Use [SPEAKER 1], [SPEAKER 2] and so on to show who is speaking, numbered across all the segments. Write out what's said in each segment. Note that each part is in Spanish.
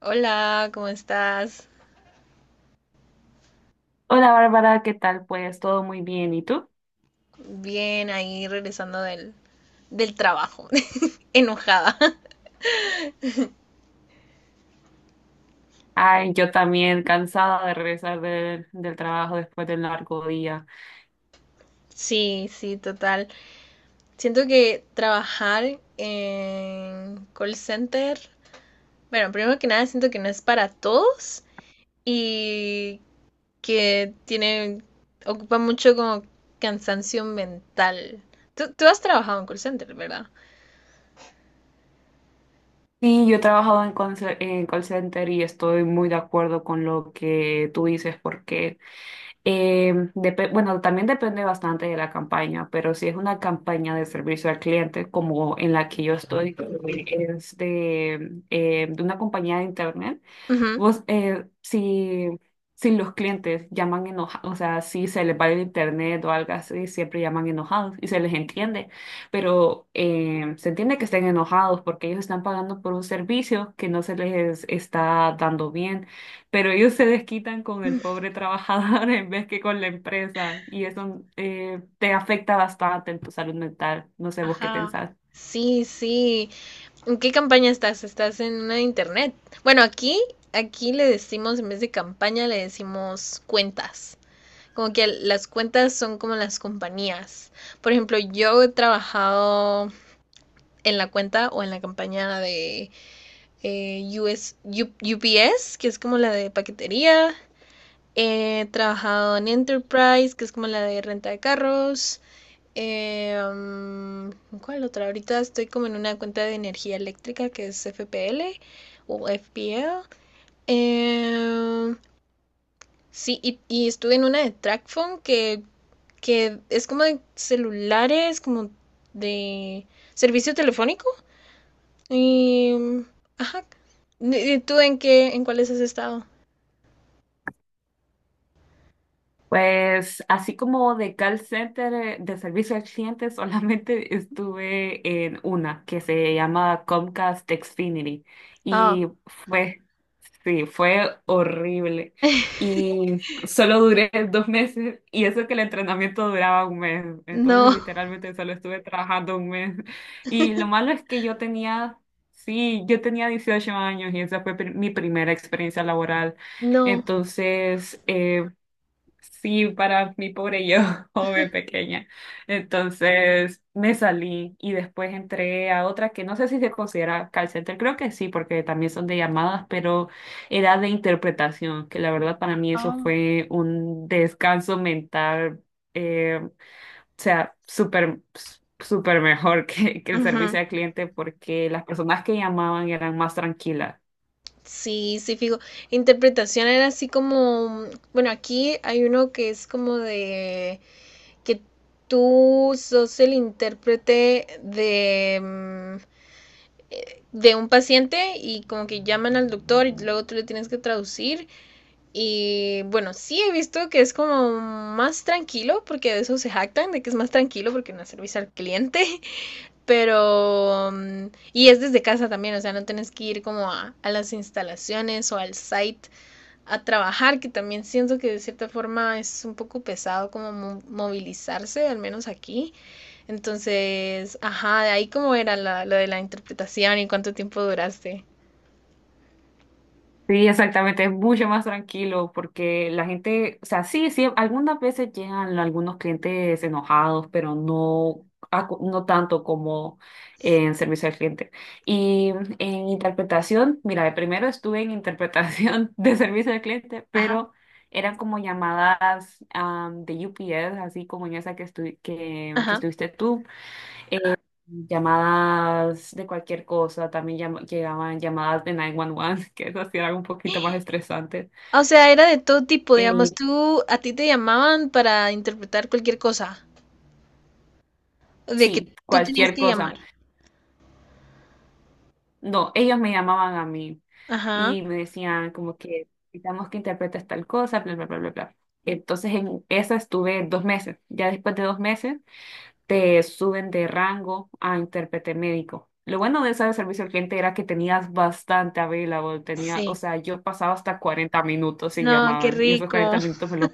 [SPEAKER 1] Hola, ¿cómo estás?
[SPEAKER 2] Hola Bárbara, ¿qué tal? Pues todo muy bien, ¿y tú?
[SPEAKER 1] Bien, ahí regresando del trabajo, enojada.
[SPEAKER 2] Ay, yo también cansada de regresar del trabajo después del largo día.
[SPEAKER 1] Sí, sí, total. Siento que trabajar en call center, bueno, primero que nada siento que no es para todos y que tiene, ocupa mucho como cansancio mental. Tú has trabajado en call center, ¿verdad?
[SPEAKER 2] Sí, yo he trabajado en, call center y estoy muy de acuerdo con lo que tú dices porque, bueno, también depende bastante de la campaña, pero si es una campaña de servicio al cliente como en la que yo estoy, que es de una compañía de internet.
[SPEAKER 1] Ujú.
[SPEAKER 2] Vos, si los clientes llaman enojados, o sea, si se les va el internet o algo así, siempre llaman enojados y se les entiende, pero se entiende que estén enojados porque ellos están pagando por un servicio que no se les está dando bien, pero ellos se desquitan con el pobre trabajador en vez que con la empresa y eso te afecta bastante en tu salud mental. No sé vos qué
[SPEAKER 1] Ajá.
[SPEAKER 2] pensás.
[SPEAKER 1] Sí, sí. ¿En qué campaña estás? ¿Estás en una de internet? Bueno, aquí le decimos, en vez de campaña, le decimos cuentas. Como que las cuentas son como las compañías. Por ejemplo, yo he trabajado en la cuenta o en la campaña de US, UPS, que es como la de paquetería. He trabajado en Enterprise, que es como la de renta de carros. Eh, um, ¿Cuál otra? Ahorita estoy como en una cuenta de energía eléctrica que es FPL o FPL. Eh, sí, y estuve en una de TrackPhone que es como de celulares, como de servicio telefónico. Y, mm, ajá. ¿Y tú en qué, en cuáles has estado?
[SPEAKER 2] Pues así como de call center, de servicio al cliente, solamente estuve en una que se llama Comcast Xfinity
[SPEAKER 1] Ah,
[SPEAKER 2] y fue, sí, fue horrible. Y solo duré 2 meses y eso que el entrenamiento duraba un mes. Entonces
[SPEAKER 1] no.
[SPEAKER 2] literalmente solo estuve trabajando un mes. Y lo malo es que yo tenía, sí, yo tenía 18 años y esa fue mi primera experiencia laboral.
[SPEAKER 1] No.
[SPEAKER 2] Entonces, sí, para mi pobre yo, joven pequeña. Entonces me salí y después entré a otra que no sé si se considera call center, creo que sí, porque también son de llamadas, pero era de interpretación, que la verdad para mí eso
[SPEAKER 1] Ah.
[SPEAKER 2] fue un descanso mental, o sea, súper mejor que el
[SPEAKER 1] Ujú.
[SPEAKER 2] servicio al cliente, porque las personas que llamaban eran más tranquilas.
[SPEAKER 1] Sí, sí, fijo. Interpretación era así como, bueno, aquí hay uno que es como de que tú sos el intérprete de, de un paciente y como que llaman al doctor y luego tú le tienes que traducir. Y bueno, sí he visto que es como más tranquilo, porque de eso se jactan, de que es más tranquilo porque no es servicio al cliente, pero... Y es desde casa también, o sea, no tienes que ir como a las instalaciones o al site a trabajar, que también siento que de cierta forma es un poco pesado como movilizarse, al menos aquí. Entonces, ajá, de ahí cómo era lo de la interpretación y cuánto tiempo duraste.
[SPEAKER 2] Sí, exactamente, es mucho más tranquilo porque la gente, o sea, sí, sí, algunas veces llegan algunos clientes enojados, pero no, no tanto como en servicio al cliente. Y en interpretación, mira, primero estuve en interpretación de servicio al cliente,
[SPEAKER 1] Ajá,
[SPEAKER 2] pero eran como llamadas de UPS, así como en esa que
[SPEAKER 1] ajá.
[SPEAKER 2] estuviste tú, llamadas de cualquier cosa, también llegaban llamadas de 911, que eso sí era un poquito más estresante.
[SPEAKER 1] O sea, era de todo tipo,
[SPEAKER 2] Eh,
[SPEAKER 1] digamos, tú, a ti te llamaban para interpretar cualquier cosa, de que
[SPEAKER 2] sí,
[SPEAKER 1] tú tenías
[SPEAKER 2] cualquier
[SPEAKER 1] que
[SPEAKER 2] cosa.
[SPEAKER 1] llamar.
[SPEAKER 2] No, ellos me llamaban a mí
[SPEAKER 1] Ajá,
[SPEAKER 2] y me decían como que necesitamos que interpretes tal cosa, bla, bla, bla, bla, bla. Entonces en esa estuve 2 meses. Ya después de 2 meses te suben de rango a intérprete médico. Lo bueno de esa de servicio al cliente era que tenías bastante available, tenía, o
[SPEAKER 1] sí.
[SPEAKER 2] sea, yo pasaba hasta 40 minutos sin
[SPEAKER 1] No, qué
[SPEAKER 2] llamada y esos 40
[SPEAKER 1] rico.
[SPEAKER 2] minutos me los...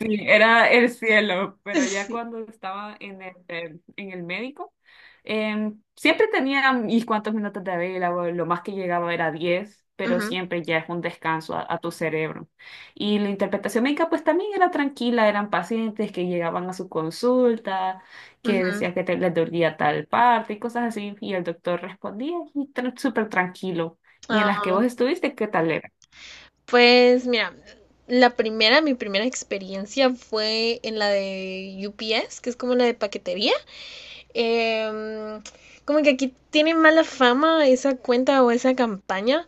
[SPEAKER 2] Sí, era el cielo, pero ya
[SPEAKER 1] Sí.
[SPEAKER 2] cuando estaba en el, en el médico, siempre tenía mis cuantos minutos de vela, o lo más que llegaba era 10, pero
[SPEAKER 1] Ajá,
[SPEAKER 2] siempre ya es un descanso a tu cerebro. Y la interpretación médica pues también era tranquila, eran pacientes que llegaban a su consulta, que decían que les dolía tal parte y cosas así, y el doctor respondía y súper tranquilo. ¿Y en
[SPEAKER 1] ajá.
[SPEAKER 2] las que vos estuviste, qué tal era?
[SPEAKER 1] Pues mira, mi primera experiencia fue en la de UPS, que es como la de paquetería. Em, Como que aquí tiene mala fama esa cuenta o esa campaña,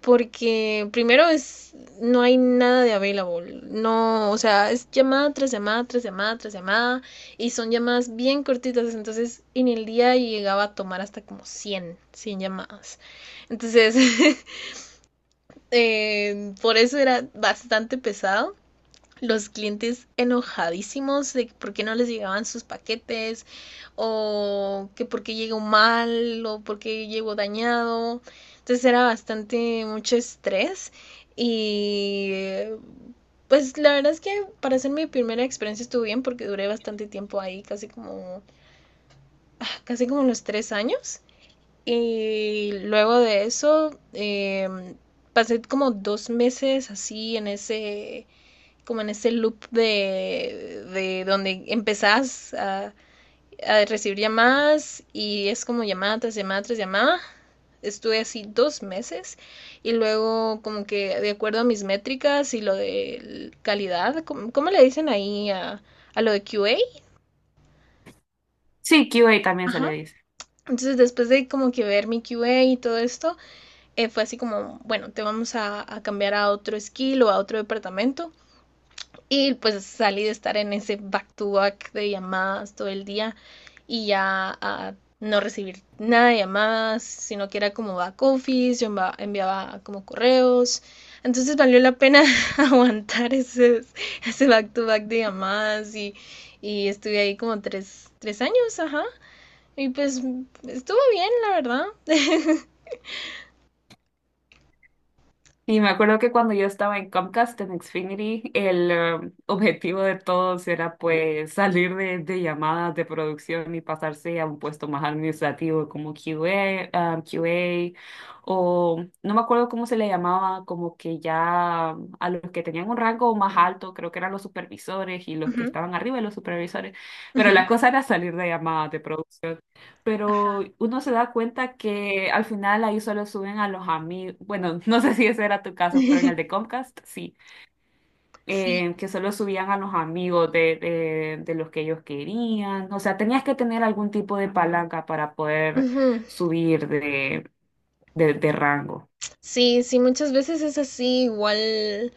[SPEAKER 1] porque primero es, no hay nada de available. No, o sea, es llamada tras llamada, tras llamada, tras llamada, y son llamadas bien cortitas. Entonces, en el día llegaba a tomar hasta como 100, 100 llamadas. Entonces, por eso era bastante pesado. Los clientes enojadísimos de por qué no les llegaban sus paquetes, o que por qué llegó mal, o por qué llegó dañado. Entonces era bastante mucho estrés y pues la verdad es que para ser mi primera experiencia estuvo bien porque duré bastante tiempo ahí, casi como los 3 años. Y luego de eso, pasé como 2 meses así en ese, como en ese loop de donde empezás a recibir llamadas y es como llamada tras llamada tras llamada. Estuve así 2 meses y luego como que de acuerdo a mis métricas y lo de calidad, ¿cómo le dicen ahí a lo de QA?
[SPEAKER 2] Sí, QA también se le
[SPEAKER 1] Ajá.
[SPEAKER 2] dice.
[SPEAKER 1] Entonces después de como que ver mi QA y todo esto, fue así como, bueno, te vamos a cambiar a otro skill o a otro departamento. Y pues salí de estar en ese back-to-back de llamadas todo el día y ya a no recibir nada de llamadas, sino que era como back office, yo enviaba, como correos. Entonces valió la pena aguantar ese back to back de llamadas y estuve ahí como tres años, ajá. Y pues estuvo bien, la verdad.
[SPEAKER 2] Y me acuerdo que cuando yo estaba en Comcast, en Xfinity, el objetivo de todos era pues salir de llamadas de producción y pasarse a un puesto más administrativo como QA, ah, QA, o no me acuerdo cómo se le llamaba, como que ya a los que tenían un rango más alto, creo que eran los supervisores y
[SPEAKER 1] Uh
[SPEAKER 2] los que
[SPEAKER 1] -huh,
[SPEAKER 2] estaban arriba de los supervisores,
[SPEAKER 1] uh
[SPEAKER 2] pero
[SPEAKER 1] -huh,
[SPEAKER 2] la cosa era salir de llamadas de producción, pero
[SPEAKER 1] ajá.
[SPEAKER 2] uno se da cuenta que al final ahí solo suben a los amigos, bueno, no sé si ese era tu caso, pero en el de Comcast sí,
[SPEAKER 1] Sí,
[SPEAKER 2] que solo subían a los amigos de los que ellos querían, o sea, tenías que tener algún tipo de palanca para poder
[SPEAKER 1] ujú.
[SPEAKER 2] subir de rango.
[SPEAKER 1] Sí, sí, muchas veces es así, igual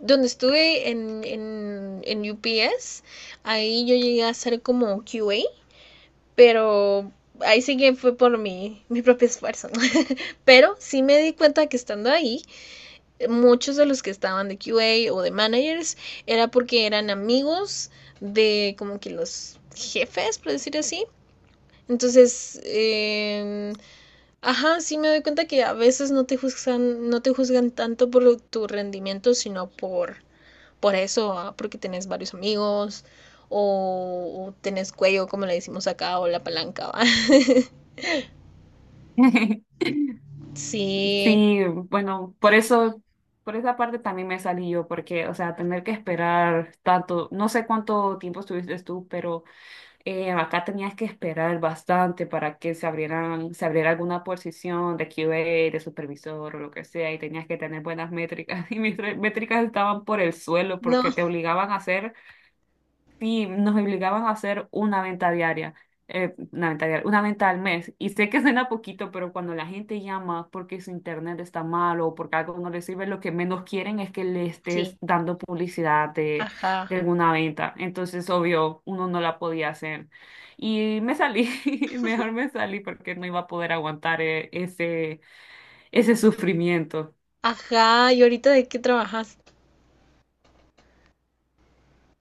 [SPEAKER 1] donde estuve en, UPS, ahí yo llegué a hacer como QA, pero ahí sí que fue por mi propio esfuerzo, ¿no? Pero sí me di cuenta que estando ahí, muchos de los que estaban de QA o de managers era porque eran amigos de como que los jefes, por decir así. Entonces, ajá, sí me doy cuenta que a veces no te juzgan, no te juzgan tanto por tu rendimiento, sino por eso, ah, porque tenés varios amigos o tenés cuello, como le decimos acá, o la palanca, ¿va? Sí,
[SPEAKER 2] Sí, bueno, por eso, por esa parte también me salí yo, porque, o sea, tener que esperar tanto, no sé cuánto tiempo estuviste tú, pero acá tenías que esperar bastante para que se abriera alguna posición de QA, de supervisor o lo que sea, y tenías que tener buenas métricas. Y mis métricas estaban por el suelo
[SPEAKER 1] no,
[SPEAKER 2] porque te obligaban a hacer. Sí, nos obligaban a hacer una venta diaria, una venta diaria, una venta al mes. Y sé que suena poquito, pero cuando la gente llama porque su internet está mal o porque algo no le sirve, lo que menos quieren es que le estés
[SPEAKER 1] sí,
[SPEAKER 2] dando publicidad de,
[SPEAKER 1] ajá,
[SPEAKER 2] alguna venta. Entonces, obvio, uno no la podía hacer. Y me salí, mejor me salí porque no iba a poder aguantar ese sufrimiento.
[SPEAKER 1] ajá, ¿y ahorita de qué trabajas?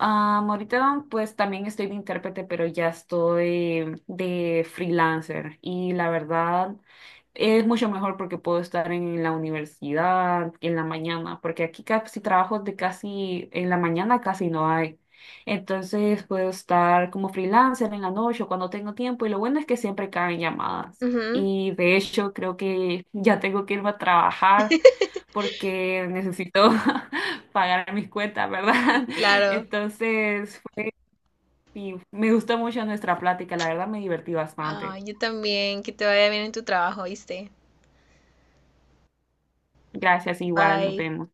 [SPEAKER 2] Ah, ahorita pues también estoy de intérprete, pero ya estoy de freelancer y la verdad es mucho mejor porque puedo estar en la universidad en la mañana, porque aquí casi trabajos de casi en la mañana casi no hay. Entonces puedo estar como freelancer en la noche o cuando tengo tiempo y lo bueno es que siempre caen llamadas.
[SPEAKER 1] Ujú,
[SPEAKER 2] Y de hecho creo que ya tengo que irme a trabajar porque necesito pagar mis cuentas, ¿verdad?
[SPEAKER 1] sí, claro.
[SPEAKER 2] Entonces, y me gustó mucho nuestra plática, la verdad me divertí
[SPEAKER 1] Ah,
[SPEAKER 2] bastante.
[SPEAKER 1] yo también, que te vaya bien en tu trabajo, ¿viste?
[SPEAKER 2] Gracias, igual, nos
[SPEAKER 1] Bye.
[SPEAKER 2] vemos.